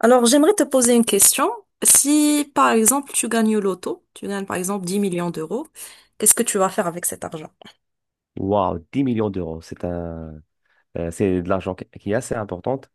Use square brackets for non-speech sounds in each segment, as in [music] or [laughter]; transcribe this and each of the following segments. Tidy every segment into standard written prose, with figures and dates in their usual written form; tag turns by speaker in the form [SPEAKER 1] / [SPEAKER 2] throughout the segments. [SPEAKER 1] Alors, j'aimerais te poser une question. Si, par exemple, tu gagnes au loto, tu gagnes, par exemple, 10 millions d'euros, qu'est-ce que tu vas faire avec cet argent?
[SPEAKER 2] Waouh, 10 millions d'euros, c'est un, c'est de l'argent qui est assez importante.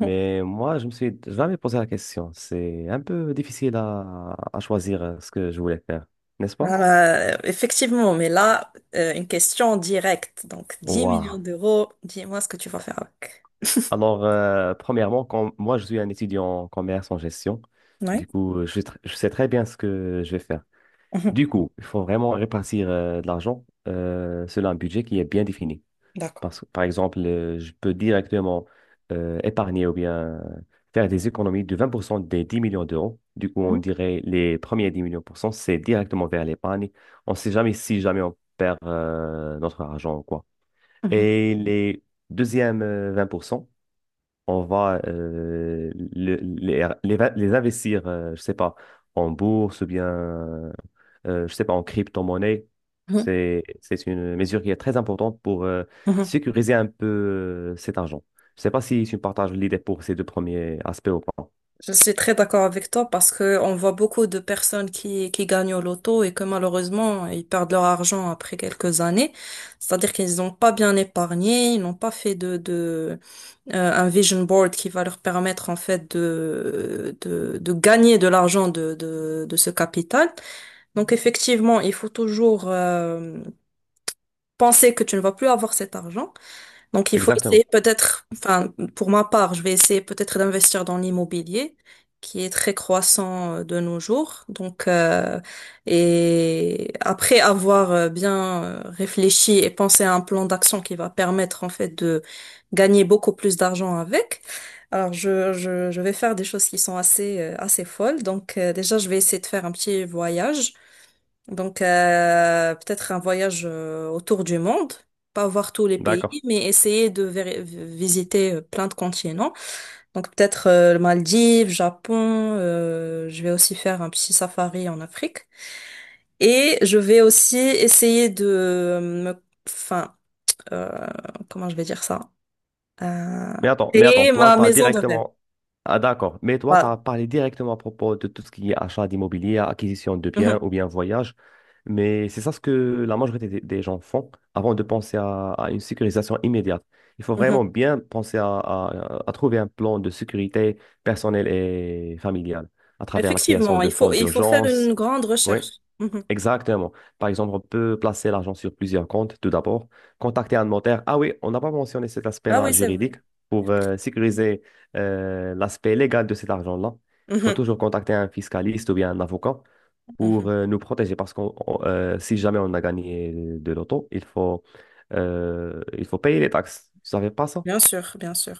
[SPEAKER 2] Mais moi, je me suis jamais posé la question. C'est un peu difficile à choisir ce que je voulais faire, n'est-ce pas?
[SPEAKER 1] Effectivement, mais là, une question directe. Donc, 10
[SPEAKER 2] Waouh.
[SPEAKER 1] millions d'euros, dis-moi ce que tu vas faire avec.
[SPEAKER 2] Alors, premièrement, quand, moi, je suis un étudiant en commerce en gestion.
[SPEAKER 1] Oui.
[SPEAKER 2] Du coup, je, je sais très bien ce que je vais faire.
[SPEAKER 1] Mhm.
[SPEAKER 2] Du coup, il faut vraiment répartir de l'argent selon un budget qui est bien défini.
[SPEAKER 1] [laughs] D'accord.
[SPEAKER 2] Parce, par exemple, je peux directement épargner ou bien faire des économies de 20% des 10 millions d'euros. Du coup, on
[SPEAKER 1] Mhm.
[SPEAKER 2] dirait les premiers 10 millions pour cent, c'est directement vers l'épargne. On ne sait jamais si jamais on perd notre argent ou quoi. Et les deuxièmes 20%, on va les investir, je sais pas, en bourse ou bien, je sais pas, en crypto-monnaie.
[SPEAKER 1] Mhm.
[SPEAKER 2] C'est une mesure qui est très importante pour
[SPEAKER 1] Mhm.
[SPEAKER 2] sécuriser un peu cet argent. Je sais pas si tu partages l'idée pour ces deux premiers aspects ou pas.
[SPEAKER 1] Je suis très d'accord avec toi parce que on voit beaucoup de personnes qui gagnent au loto et que malheureusement, ils perdent leur argent après quelques années. C'est-à-dire qu'ils n'ont pas bien épargné, ils n'ont pas fait un vision board qui va leur permettre, en fait, de gagner de l'argent de ce capital. Donc, effectivement, il faut toujours, penser que tu ne vas plus avoir cet argent. Donc, il faut
[SPEAKER 2] Exactement.
[SPEAKER 1] essayer peut-être, enfin, pour ma part, je vais essayer peut-être d'investir dans l'immobilier, qui est très croissant de nos jours. Donc, et après avoir bien réfléchi et pensé à un plan d'action qui va permettre, en fait, de gagner beaucoup plus d'argent avec, alors je vais faire des choses qui sont assez folles. Donc, déjà, je vais essayer de faire un petit voyage. Donc, peut-être un voyage autour du monde, pas voir tous les pays,
[SPEAKER 2] D'accord.
[SPEAKER 1] mais essayer de visiter plein de continents. Donc, peut-être le Maldives, Japon, je vais aussi faire un petit safari en Afrique. Et je vais aussi essayer de euh, comment je vais dire ça? Euh,
[SPEAKER 2] Mais attends,
[SPEAKER 1] Créer
[SPEAKER 2] toi,
[SPEAKER 1] ma
[SPEAKER 2] tu as
[SPEAKER 1] maison de rêve.
[SPEAKER 2] directement. Ah, d'accord. Mais toi, tu
[SPEAKER 1] Voilà.
[SPEAKER 2] as parlé directement à propos de tout ce qui est achat d'immobilier, acquisition de biens
[SPEAKER 1] Mhm,
[SPEAKER 2] ou bien voyage. Mais c'est ça ce que la majorité des gens font avant de penser à une sécurisation immédiate. Il faut
[SPEAKER 1] mhm.
[SPEAKER 2] vraiment bien penser à trouver un plan de sécurité personnelle et familiale à travers la création
[SPEAKER 1] Effectivement,
[SPEAKER 2] de
[SPEAKER 1] il faut,
[SPEAKER 2] fonds
[SPEAKER 1] il faut faire
[SPEAKER 2] d'urgence.
[SPEAKER 1] une grande
[SPEAKER 2] Oui.
[SPEAKER 1] recherche. Mhm.
[SPEAKER 2] Exactement. Par exemple, on peut placer l'argent sur plusieurs comptes, tout d'abord. Contacter un notaire. Ah oui, on n'a pas mentionné cet
[SPEAKER 1] Ah
[SPEAKER 2] aspect-là
[SPEAKER 1] oui, c'est vrai.
[SPEAKER 2] juridique pour
[SPEAKER 1] Effectivement.
[SPEAKER 2] sécuriser l'aspect légal de cet argent-là. Il faut
[SPEAKER 1] Mhm,
[SPEAKER 2] toujours contacter un fiscaliste ou bien un avocat pour
[SPEAKER 1] mhm.
[SPEAKER 2] nous protéger parce que si jamais on a gagné de l'auto, il faut payer les taxes. Tu savais pas ça?
[SPEAKER 1] Bien sûr, bien sûr.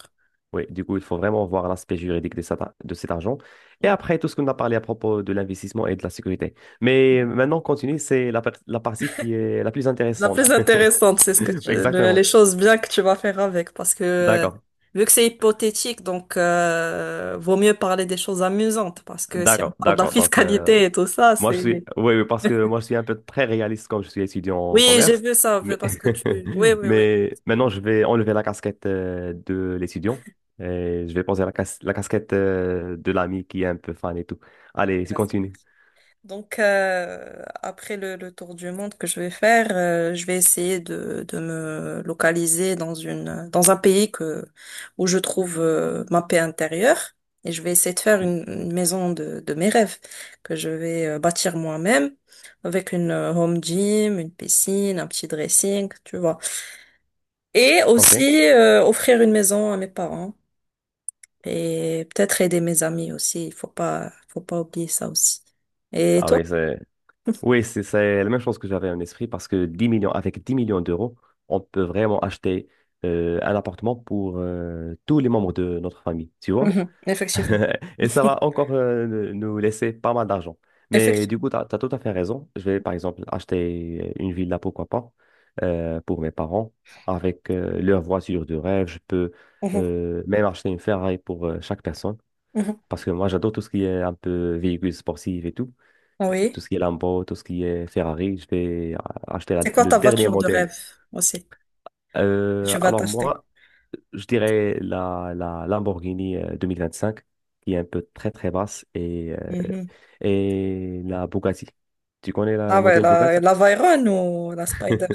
[SPEAKER 2] Oui, du coup, il faut vraiment voir l'aspect juridique de cet argent. Et
[SPEAKER 1] Mm.
[SPEAKER 2] après, tout ce qu'on a parlé à propos de l'investissement et de la sécurité. Mais maintenant, on continue, c'est la partie qui est la plus
[SPEAKER 1] La
[SPEAKER 2] intéressante.
[SPEAKER 1] plus intéressante, c'est ce que
[SPEAKER 2] [laughs]
[SPEAKER 1] les
[SPEAKER 2] Exactement.
[SPEAKER 1] choses bien que tu vas faire avec, parce que
[SPEAKER 2] D'accord.
[SPEAKER 1] vu que c'est hypothétique, donc vaut mieux parler des choses amusantes, parce que si on
[SPEAKER 2] D'accord,
[SPEAKER 1] parle de la
[SPEAKER 2] d'accord. Donc,
[SPEAKER 1] fiscalité et tout ça,
[SPEAKER 2] moi, je
[SPEAKER 1] c'est.
[SPEAKER 2] suis... Oui, oui, parce que moi, je suis un peu très réaliste comme je suis étudiant en
[SPEAKER 1] Oui, j'ai
[SPEAKER 2] commerce.
[SPEAKER 1] vu ça,
[SPEAKER 2] Mais,
[SPEAKER 1] parce que tu. Oui,
[SPEAKER 2] [laughs]
[SPEAKER 1] oui, oui.
[SPEAKER 2] mais maintenant, je vais enlever la casquette de l'étudiant et je vais poser la casquette de l'ami qui est un peu fan et tout. Allez,
[SPEAKER 1] Euh,
[SPEAKER 2] tu continues.
[SPEAKER 1] Donc, après le tour du monde que je vais faire, je vais essayer de me localiser dans un pays où je trouve ma paix intérieure. Et je vais essayer de faire une maison de mes rêves que je vais bâtir moi-même avec une home gym, une piscine, un petit dressing, tu vois. Et
[SPEAKER 2] OK.
[SPEAKER 1] aussi offrir une maison à mes parents et peut-être aider mes amis aussi. Il faut pas, Faut pas oublier ça aussi. Et
[SPEAKER 2] Ah
[SPEAKER 1] toi?
[SPEAKER 2] oui, c'est... Oui, c'est la même chose que j'avais en esprit parce que 10 millions, avec 10 millions d'euros, on peut vraiment acheter un appartement pour tous les membres de notre famille, tu vois?
[SPEAKER 1] Mhm, effectivement.
[SPEAKER 2] [laughs] Et ça va encore nous laisser pas mal d'argent. Mais du
[SPEAKER 1] Effectivement.
[SPEAKER 2] coup, tu as, tout à fait raison. Je vais par exemple acheter une villa, pourquoi pas, pour mes parents, avec leur voiture de rêve. Je peux
[SPEAKER 1] Mhm,
[SPEAKER 2] même acheter une Ferrari pour chaque personne
[SPEAKER 1] mhm.
[SPEAKER 2] parce que moi, j'adore tout ce qui est un peu véhicule sportif et tout
[SPEAKER 1] Oui.
[SPEAKER 2] tout ce qui est Lambo, tout ce qui est Ferrari, je vais acheter
[SPEAKER 1] C'est quoi
[SPEAKER 2] le
[SPEAKER 1] ta
[SPEAKER 2] dernier
[SPEAKER 1] voiture de
[SPEAKER 2] modèle.
[SPEAKER 1] rêve aussi
[SPEAKER 2] Euh,
[SPEAKER 1] tu vas
[SPEAKER 2] alors
[SPEAKER 1] t'acheter?
[SPEAKER 2] moi, je dirais la Lamborghini cinq qui est un peu très très basse,
[SPEAKER 1] Mhm.
[SPEAKER 2] et la Bugatti. Tu connais le
[SPEAKER 1] Ah ouais,
[SPEAKER 2] modèle
[SPEAKER 1] la,
[SPEAKER 2] Bugatti?
[SPEAKER 1] la Veyron ou la Spider?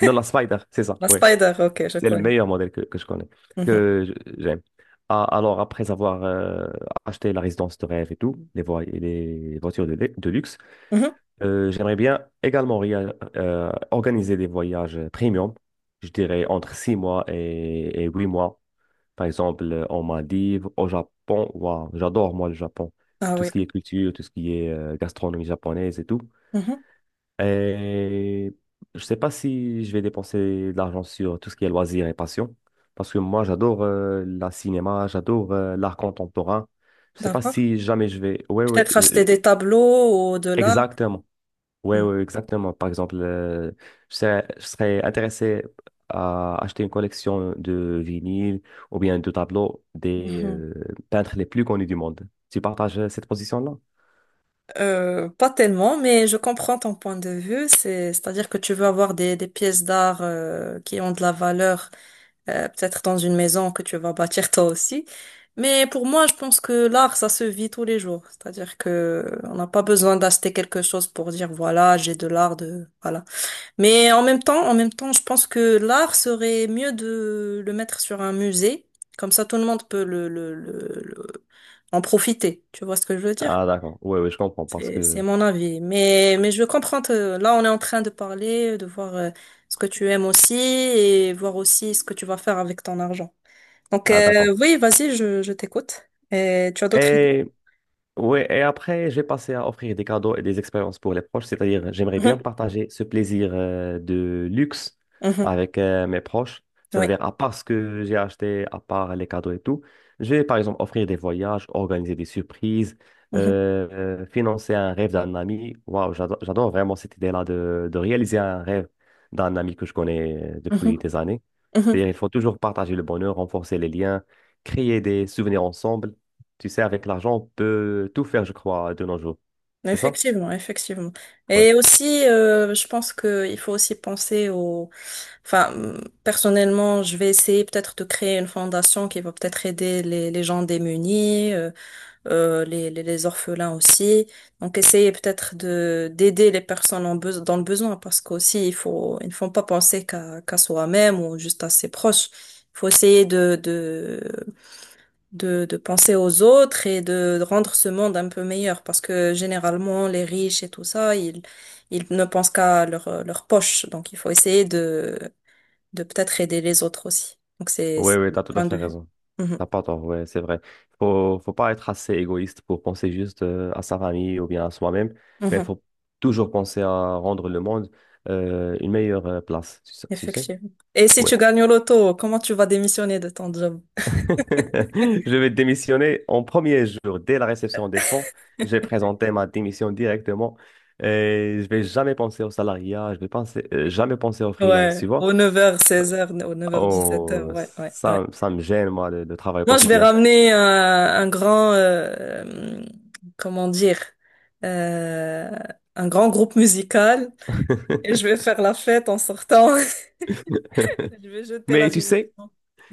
[SPEAKER 2] Non, la Spider, c'est ça,
[SPEAKER 1] La
[SPEAKER 2] oui.
[SPEAKER 1] Spider, ok, je
[SPEAKER 2] C'est le
[SPEAKER 1] connais.
[SPEAKER 2] meilleur modèle que je connais,
[SPEAKER 1] Mhm,
[SPEAKER 2] que je- j'aime. Ah, alors, après avoir acheté la résidence de rêve et tout, les voitures de luxe.
[SPEAKER 1] mhm.
[SPEAKER 2] J'aimerais bien également organiser des voyages premium, je dirais entre 6 mois et 8 mois. Par exemple, en Maldives, au Japon. Waouh, j'adore moi le Japon.
[SPEAKER 1] Ah
[SPEAKER 2] Tout
[SPEAKER 1] oui.
[SPEAKER 2] ce qui est culture, tout ce qui est gastronomie japonaise et tout.
[SPEAKER 1] Mhm,
[SPEAKER 2] Et je sais pas si je vais dépenser de l'argent sur tout ce qui est loisirs et passion, parce que moi j'adore la cinéma, j'adore l'art contemporain. Je sais pas
[SPEAKER 1] d'accord.
[SPEAKER 2] si jamais je vais. Ouais, ouais,
[SPEAKER 1] Peut-être acheter des tableaux ou de l'art.
[SPEAKER 2] exactement. Oui,
[SPEAKER 1] Mhm,
[SPEAKER 2] oui, exactement. Par exemple, je serais intéressé à acheter une collection de vinyles ou bien de tableaux des
[SPEAKER 1] mhm.
[SPEAKER 2] peintres les plus connus du monde. Tu partages cette position-là?
[SPEAKER 1] Pas tellement, mais je comprends ton point de vue. C'est-à-dire que tu veux avoir des pièces d'art qui ont de la valeur, peut-être dans une maison que tu vas bâtir toi aussi. Mais pour moi, je pense que l'art, ça se vit tous les jours. C'est-à-dire que on n'a pas besoin d'acheter quelque chose pour dire voilà, j'ai de l'art de voilà. Mais en même temps, je pense que l'art serait mieux de le mettre sur un musée. Comme ça, tout le monde peut en profiter. Tu vois ce que je veux dire?
[SPEAKER 2] Ah, d'accord. Oui, oui, je comprends parce
[SPEAKER 1] C'est
[SPEAKER 2] que...
[SPEAKER 1] mon avis. Mais je comprends. Là, on est en train de parler, de voir ce que tu aimes aussi et voir aussi ce que tu vas faire avec ton argent. Donc,
[SPEAKER 2] Ah, d'accord.
[SPEAKER 1] oui, vas-y, je t'écoute. Et tu as d'autres idées?
[SPEAKER 2] Et oui, et après, j'ai passé à offrir des cadeaux et des expériences pour les proches, c'est-à-dire j'aimerais bien
[SPEAKER 1] Mhm,
[SPEAKER 2] partager ce plaisir de luxe
[SPEAKER 1] mhm,
[SPEAKER 2] avec mes proches,
[SPEAKER 1] oui.
[SPEAKER 2] c'est-à-dire à part ce que j'ai acheté, à part les cadeaux et tout, je vais par exemple offrir des voyages, organiser des surprises,
[SPEAKER 1] Mhm,
[SPEAKER 2] euh, financer un rêve d'un ami. Waouh, j'adore vraiment cette idée-là de réaliser un rêve d'un ami que je connais
[SPEAKER 1] mhm,
[SPEAKER 2] depuis des années.
[SPEAKER 1] mhm.
[SPEAKER 2] C'est-à-dire il faut toujours partager le bonheur, renforcer les liens, créer des souvenirs ensemble. Tu sais, avec l'argent, on peut tout faire, je crois, de nos jours. C'est ça?
[SPEAKER 1] Effectivement, effectivement.
[SPEAKER 2] Ouais.
[SPEAKER 1] Et aussi, je pense que il faut aussi penser au... Enfin, personnellement, je vais essayer peut-être de créer une fondation qui va peut-être aider les gens démunis. Les, les orphelins aussi. Donc essayez peut-être de d'aider les personnes dans le besoin parce qu'aussi il faut ils ne font pas penser qu'à soi-même ou juste à ses proches. Il faut essayer de penser aux autres et de rendre ce monde un peu meilleur parce que généralement les riches et tout ça, ils ne pensent qu'à leur poche. Donc il faut essayer de peut-être aider les autres aussi. Donc c'est
[SPEAKER 2] Ouais,
[SPEAKER 1] c'est
[SPEAKER 2] ouais, t'as
[SPEAKER 1] mon
[SPEAKER 2] tout à
[SPEAKER 1] point
[SPEAKER 2] fait
[SPEAKER 1] de vue.
[SPEAKER 2] raison.
[SPEAKER 1] Mhm.
[SPEAKER 2] T'as pas tort, ouais, c'est vrai. Faut pas être assez égoïste pour penser juste à sa famille ou bien à soi-même, mais il
[SPEAKER 1] Mhm.
[SPEAKER 2] faut toujours penser à rendre le monde une meilleure place, tu sais. Tu sais.
[SPEAKER 1] Effectivement. Et si
[SPEAKER 2] Ouais.
[SPEAKER 1] tu gagnes au loto, comment tu vas démissionner de ton job?
[SPEAKER 2] [laughs] Je vais démissionner en premier jour, dès la réception des fonds. Je vais présenter ma démission directement. Et je vais jamais penser au salariat, jamais penser au freelance,
[SPEAKER 1] Ouais,
[SPEAKER 2] tu vois.
[SPEAKER 1] aux 9h, 16h, aux 9h 17h.
[SPEAKER 2] Oh,
[SPEAKER 1] Ouais, ouais, ouais.
[SPEAKER 2] ça me gêne, moi, le travail
[SPEAKER 1] Non, je vais
[SPEAKER 2] quotidien.
[SPEAKER 1] ramener un grand, comment dire, euh, un grand groupe musical et je
[SPEAKER 2] [laughs]
[SPEAKER 1] vais faire la fête en sortant. [laughs] Je vais jeter la
[SPEAKER 2] Mais tu sais,
[SPEAKER 1] démission.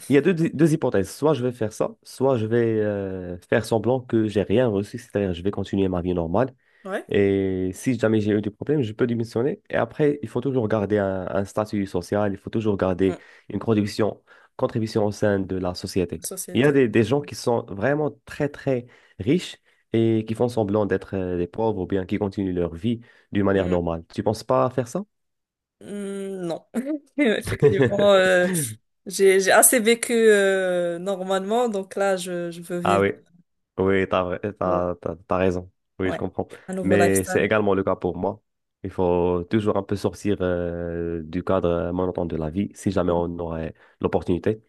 [SPEAKER 2] il y a deux hypothèses. Soit je vais faire ça, soit je vais faire semblant que j'ai rien reçu, c'est-à-dire je vais continuer ma vie normale.
[SPEAKER 1] Ouais.
[SPEAKER 2] Et si jamais j'ai eu des problèmes, je peux démissionner. Et après, il faut toujours garder un statut social, il faut toujours
[SPEAKER 1] Mm.
[SPEAKER 2] garder une contribution au sein de la société. Il y a
[SPEAKER 1] Société.
[SPEAKER 2] des gens qui sont vraiment très, très riches et qui font semblant d'être des pauvres ou bien qui continuent leur vie d'une manière
[SPEAKER 1] Mm.
[SPEAKER 2] normale. Tu penses pas faire ça?
[SPEAKER 1] Mm, non, [laughs] effectivement,
[SPEAKER 2] [laughs]
[SPEAKER 1] j'ai assez vécu normalement, donc là, je veux
[SPEAKER 2] Ah
[SPEAKER 1] vivre.
[SPEAKER 2] oui, oui, t'as, vrai- t'as, t'as- t'as raison. Oui, je
[SPEAKER 1] Ouais,
[SPEAKER 2] comprends.
[SPEAKER 1] un nouveau
[SPEAKER 2] Mais c'est
[SPEAKER 1] lifestyle.
[SPEAKER 2] également le cas pour moi. Il faut toujours un peu sortir du cadre monotone de la vie, si jamais
[SPEAKER 1] Mhm,
[SPEAKER 2] on aurait l'opportunité.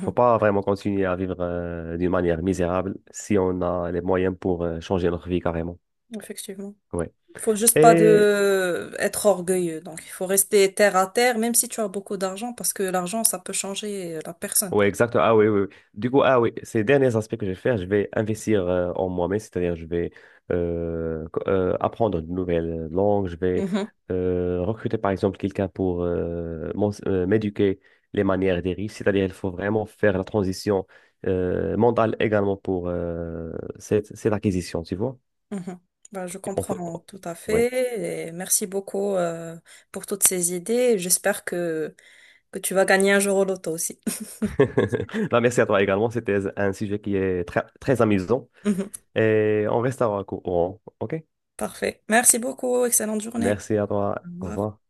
[SPEAKER 2] Il faut pas vraiment continuer à vivre d'une manière misérable si on a les moyens pour changer notre vie carrément.
[SPEAKER 1] Effectivement.
[SPEAKER 2] Ouais.
[SPEAKER 1] Faut juste pas
[SPEAKER 2] Et
[SPEAKER 1] de être orgueilleux. Donc, il faut rester terre à terre, même si tu as beaucoup d'argent, parce que l'argent, ça peut changer la personne.
[SPEAKER 2] oui, exactement. Ah oui, oui. Oui. Du coup, ah oui, ces derniers aspects que je vais faire, je vais investir en moi-même, c'est-à-dire je vais apprendre une nouvelle langue, je vais
[SPEAKER 1] Mhm,
[SPEAKER 2] recruter par exemple quelqu'un pour m'éduquer les manières des riches, c'est-à-dire il faut vraiment faire la transition mentale également pour cette acquisition, tu vois.
[SPEAKER 1] mhm. Bah, je
[SPEAKER 2] On fait-
[SPEAKER 1] comprends tout à
[SPEAKER 2] Oui.
[SPEAKER 1] fait. Et merci beaucoup, pour toutes ces idées. J'espère que tu vas gagner un jour au loto aussi. [laughs]
[SPEAKER 2] [laughs] Bah, merci à toi également, c'était un sujet qui est très, très amusant
[SPEAKER 1] Mhm.
[SPEAKER 2] et on restera au courant, OK?
[SPEAKER 1] Parfait. Merci beaucoup. Excellente journée.
[SPEAKER 2] Merci à toi.
[SPEAKER 1] Au
[SPEAKER 2] Au
[SPEAKER 1] revoir.
[SPEAKER 2] revoir.